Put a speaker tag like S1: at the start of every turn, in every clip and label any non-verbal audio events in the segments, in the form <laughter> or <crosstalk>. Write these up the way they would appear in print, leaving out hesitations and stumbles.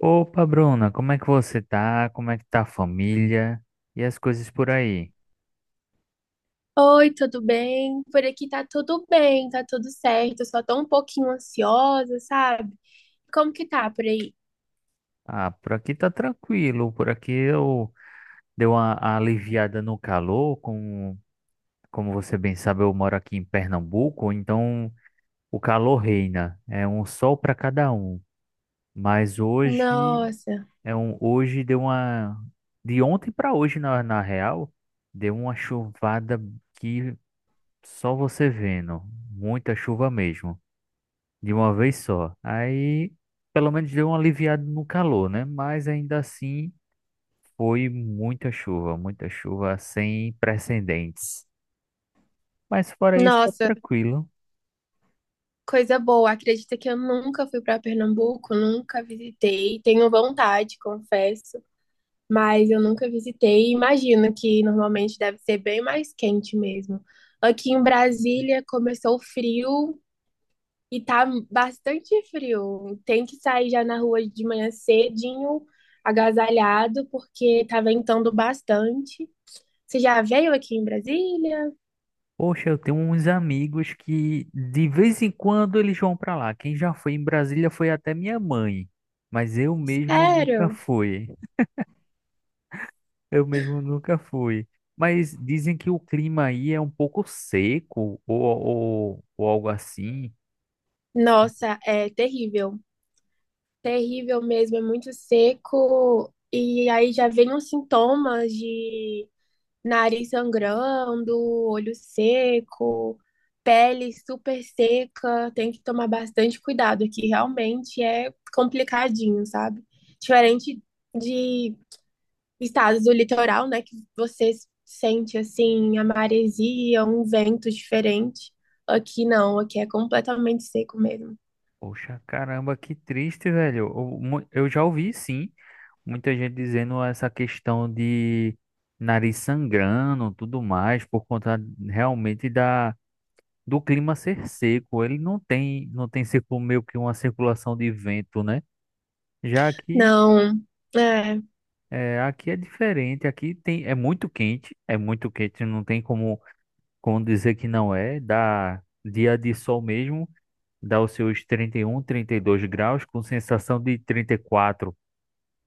S1: Opa, Bruna, como é que você tá? Como é que tá a família? E as coisas por aí?
S2: Oi, tudo bem? Por aqui tá tudo bem, tá tudo certo. Eu só tô um pouquinho ansiosa, sabe? Como que tá por aí?
S1: Ah, por aqui tá tranquilo, por aqui eu dei uma aliviada no calor, como você bem sabe, eu moro aqui em Pernambuco, então o calor reina, é um sol para cada um. Mas hoje
S2: Nossa,
S1: é um hoje deu uma de ontem para hoje na real, deu uma chuvada que só você vendo, muita chuva mesmo. De uma vez só. Aí, pelo menos deu um aliviado no calor, né? Mas ainda assim, foi muita chuva sem precedentes. Mas fora isso, tá
S2: nossa,
S1: tranquilo.
S2: coisa boa. Acredita que eu nunca fui pra Pernambuco, nunca visitei. Tenho vontade, confesso, mas eu nunca visitei. Imagino que normalmente deve ser bem mais quente mesmo. Aqui em Brasília começou o frio, e tá bastante frio. Tem que sair já na rua de manhã cedinho, agasalhado, porque tá ventando bastante. Você já veio aqui em Brasília?
S1: Poxa, eu tenho uns amigos que de vez em quando eles vão pra lá. Quem já foi em Brasília foi até minha mãe, mas eu mesmo nunca
S2: Sério?
S1: fui. Eu mesmo nunca fui. Mas dizem que o clima aí é um pouco seco ou algo assim.
S2: Nossa, é terrível. Terrível mesmo, é muito seco. E aí já vem os sintomas de nariz sangrando, olho seco, pele super seca. Tem que tomar bastante cuidado aqui, realmente é complicadinho, sabe? Diferente de estados do litoral, né, que você sente assim a maresia, um vento diferente. Aqui não, aqui é completamente seco mesmo.
S1: Poxa, caramba, que triste, velho. Eu, eu já ouvi, sim, muita gente dizendo essa questão de nariz sangrando, tudo mais, por conta realmente da do clima ser seco. Ele não tem, meio que uma circulação de vento, né? Já
S2: Não, é.
S1: aqui é diferente. Aqui tem, é muito quente, é muito quente. Não tem como, como dizer que não é. Dá dia de sol mesmo, dá os seus trinta e um, trinta e dois graus, com sensação de trinta e quatro,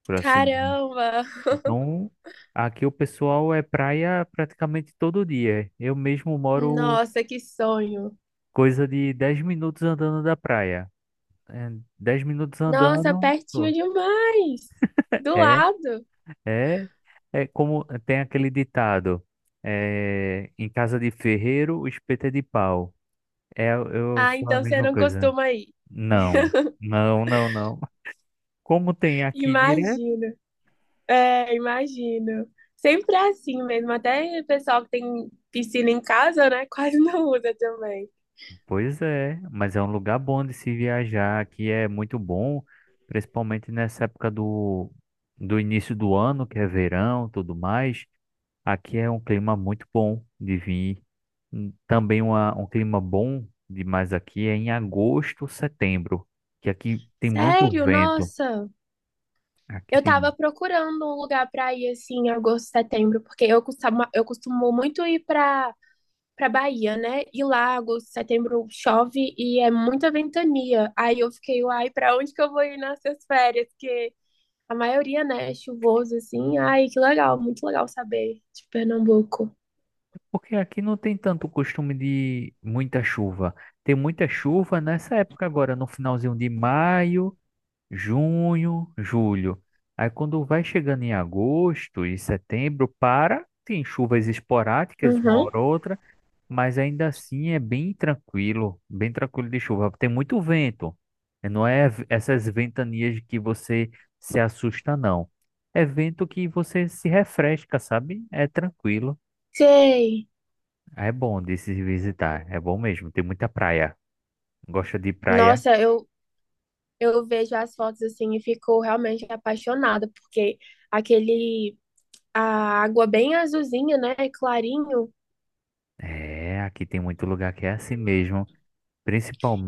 S1: por assim dizer.
S2: Caramba!
S1: Então, aqui o pessoal é praia praticamente todo dia. Eu mesmo moro
S2: Nossa, que sonho!
S1: coisa de 10 minutos andando da praia. É, 10 minutos
S2: Nossa,
S1: andando,
S2: pertinho
S1: pô,
S2: demais! Do
S1: é,
S2: lado!
S1: é, é como é, tem aquele ditado, é, em casa de ferreiro, o espeto é de pau. É, eu
S2: Ah,
S1: sou a
S2: então você
S1: mesma
S2: não
S1: coisa.
S2: costuma ir.
S1: Não, não, não, não. Como tem aqui direto.
S2: Imagino. É, imagino. Sempre é assim mesmo. Até o pessoal que tem piscina em casa, né? <laughs> Quase não usa também.
S1: Pois é, mas é um lugar bom de se viajar, aqui é muito bom, principalmente nessa época do início do ano, que é verão, tudo mais. Aqui é um clima muito bom de vir. Também um clima bom demais aqui é em agosto, setembro, que aqui tem muito
S2: Sério?
S1: vento.
S2: Nossa.
S1: Aqui
S2: Eu
S1: tem,
S2: tava procurando um lugar pra ir assim em agosto, setembro, porque eu costumo muito ir pra Bahia, né? E lá, agosto, setembro, chove e é muita ventania. Aí eu fiquei, uai, pra onde que eu vou ir nessas férias? Que a maioria, né, é chuvoso, assim. Ai, que legal, muito legal saber de Pernambuco.
S1: porque aqui não tem tanto costume de muita chuva. Tem muita chuva nessa época agora, no finalzinho de maio, junho, julho. Aí quando vai chegando em agosto e setembro, para, tem chuvas esporádicas, uma
S2: Uhum.
S1: hora ou outra, mas ainda assim é bem tranquilo de chuva. Tem muito vento. Não é v- Essas ventanias que você se assusta, não. É vento que você se refresca, sabe? É tranquilo.
S2: Sei.
S1: É bom de se visitar. É bom mesmo. Tem muita praia. Gosta de praia?
S2: Nossa, eu vejo as fotos, assim, e fico realmente apaixonada, porque aquele... A água bem azulzinha, né, clarinho.
S1: É, aqui tem muito lugar que é assim mesmo.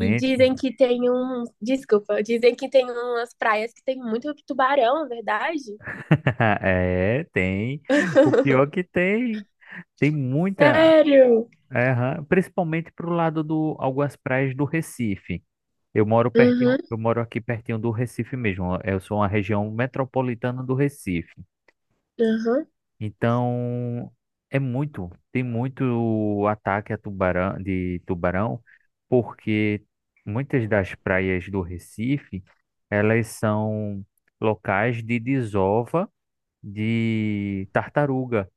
S2: E dizem que tem um... Desculpa, dizem que tem umas praias que tem muito tubarão, é verdade?
S1: <laughs> É, tem. O pior é
S2: <laughs>
S1: que tem, tem muita,
S2: Sério?
S1: é, aham, principalmente pro lado do algumas praias do Recife. Eu moro pertinho,
S2: Uhum,
S1: eu moro aqui pertinho do Recife mesmo. Eu sou uma região metropolitana do Recife.
S2: uhum.
S1: Então, é muito, tem muito ataque a tubarão, de tubarão, porque muitas das praias do Recife, elas são locais de desova de tartaruga.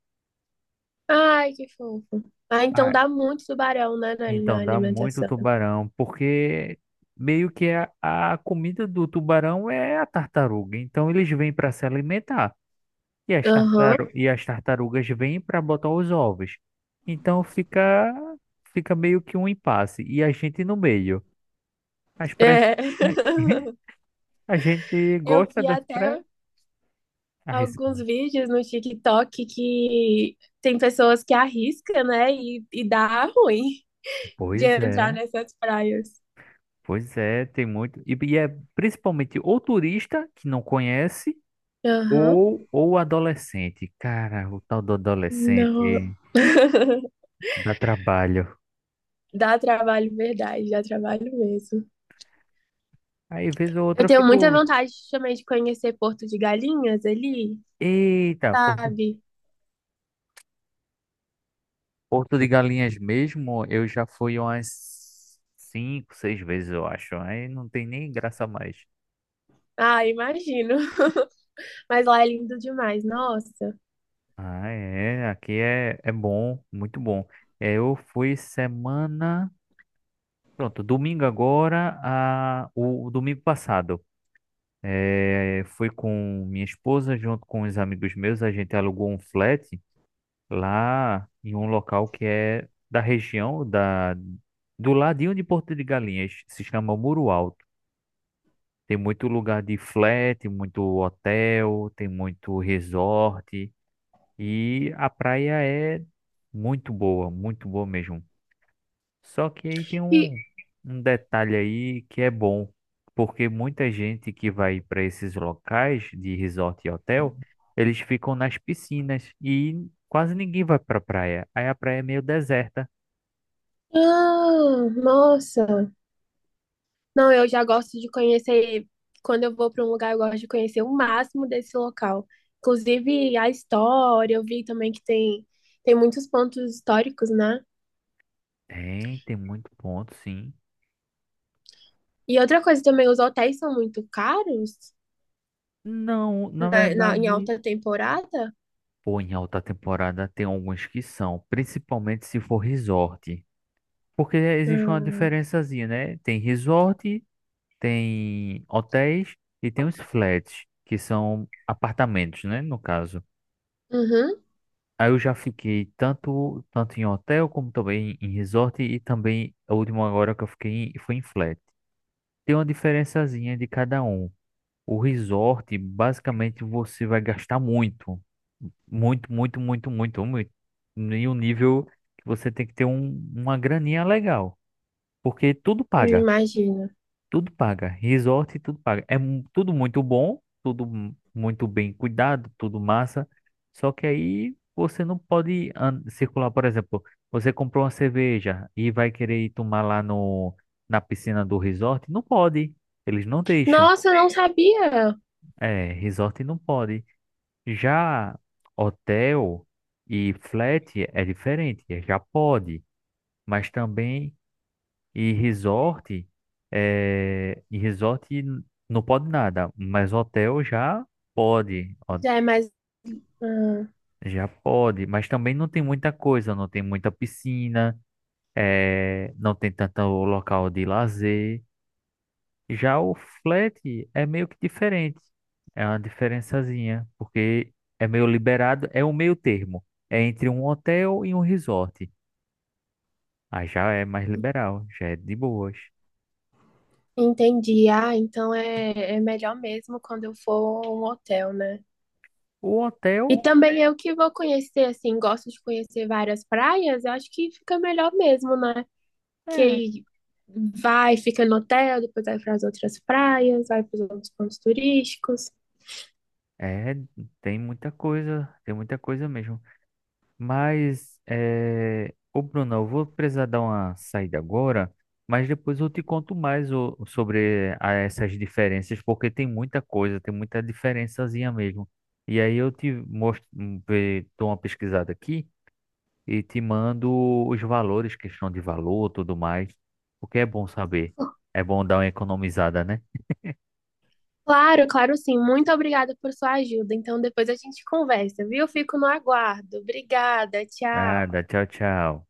S2: Ai, que fofo. Ah, então
S1: Ah,
S2: dá muito tubarão, né,
S1: então
S2: na
S1: dá muito
S2: alimentação.
S1: tubarão, porque meio que é a comida do tubarão é a tartaruga. Então eles vêm para se alimentar e
S2: Aham.
S1: as tartarugas vêm para botar os ovos. Então fica meio que um impasse e a gente no meio. As pré
S2: É.
S1: <laughs>
S2: <laughs>
S1: a gente
S2: Eu
S1: gosta
S2: vi
S1: das pré
S2: até
S1: as-
S2: alguns vídeos no TikTok que tem pessoas que arriscam, né? E dá ruim de
S1: Pois
S2: entrar
S1: é,
S2: nessas praias.
S1: pois é, tem muito e é principalmente o turista que não conhece.
S2: Aham.
S1: Ou adolescente. Cara, o tal do
S2: Não.
S1: adolescente
S2: <laughs>
S1: dá trabalho.
S2: Dá trabalho, verdade, dá trabalho mesmo.
S1: Aí, vez ou outra,
S2: Eu
S1: eu
S2: tenho muita
S1: fico.
S2: vontade também de conhecer Porto de Galinhas ali,
S1: Eita, Porto,
S2: sabe?
S1: Porto de Galinhas mesmo, eu já fui umas cinco, seis vezes, eu acho. Aí não tem nem graça mais.
S2: Ah, imagino. Mas lá é lindo demais, nossa.
S1: Ah, é. Aqui é, é bom, muito bom. É, eu fui semana. Pronto, domingo agora, o domingo passado. É, fui com minha esposa, junto com os amigos meus, a gente alugou um flat lá em um local que é da região da do ladinho de Porto de Galinhas, se chama Muro Alto. Tem muito lugar de flat, muito hotel, tem muito resort e a praia é muito boa mesmo. Só que aí tem
S2: E,
S1: um detalhe aí que é bom, porque muita gente que vai para esses locais de resort e hotel, eles ficam nas piscinas e quase ninguém vai para praia. Aí a praia é meio deserta.
S2: ah, nossa. Não, eu já gosto de conhecer. Quando eu vou para um lugar, eu gosto de conhecer o máximo desse local. Inclusive a história, eu vi também que tem, tem muitos pontos históricos, né?
S1: Tem, tem muito ponto, sim.
S2: E outra coisa também, os hotéis são muito caros
S1: Não, na
S2: em
S1: verdade,
S2: alta temporada.
S1: pô, em alta temporada tem alguns que são, principalmente se for resort. Porque existe uma
S2: Hum,
S1: diferençazinha, né? Tem resort, tem hotéis e tem os flats, que são apartamentos, né, no caso.
S2: uhum,
S1: Aí eu já fiquei tanto, tanto em hotel como também em resort e também a última agora que foi em flat. Tem uma diferençazinha de cada um. O resort, basicamente, você vai gastar muito. Muito. E um nível que você tem que ter uma graninha legal. Porque tudo paga.
S2: imagino.
S1: Tudo paga. Resort, tudo paga. Tudo muito bom, muito bem cuidado, tudo massa. Só que aí você não pode circular, por exemplo, você comprou uma cerveja e vai querer ir tomar lá no, na piscina do resort, não pode. Eles não deixam.
S2: Nossa, eu não sabia.
S1: É, resort não pode. Já hotel e flat é diferente, é, já pode, mas também e resort, e resort não pode nada, mas hotel já pode, ó,
S2: Já é mais. Hum,
S1: já pode, mas também não tem muita coisa, não tem muita piscina, é, não tem tanto local de lazer. Já o flat é meio que diferente, é uma diferençazinha, porque é meio liberado, é o meio termo, é entre um hotel e um resort. Aí já é mais liberal, já é de boas.
S2: entendi. Ah, então é, é melhor mesmo quando eu for a um hotel, né?
S1: O
S2: E
S1: hotel.
S2: também eu que vou conhecer, assim, gosto de conhecer várias praias, eu acho que fica melhor mesmo, né? Que
S1: É,
S2: aí vai, fica no hotel, depois vai para as outras praias, vai para os outros pontos turísticos.
S1: é, tem muita coisa mesmo. Mas, é, ô Bruno, eu vou precisar dar uma saída agora, mas depois eu te conto mais ô, sobre essas diferenças, porque tem muita coisa, tem muita diferençazinha mesmo. E aí eu te mostro, dou uma pesquisada aqui e te mando os valores, questão de valor, tudo mais, porque é bom saber. É bom dar uma economizada, né?
S2: Claro, claro sim. Muito obrigada por sua ajuda. Então depois a gente conversa, viu? Fico no aguardo. Obrigada, tchau.
S1: Nada, tchau, tchau.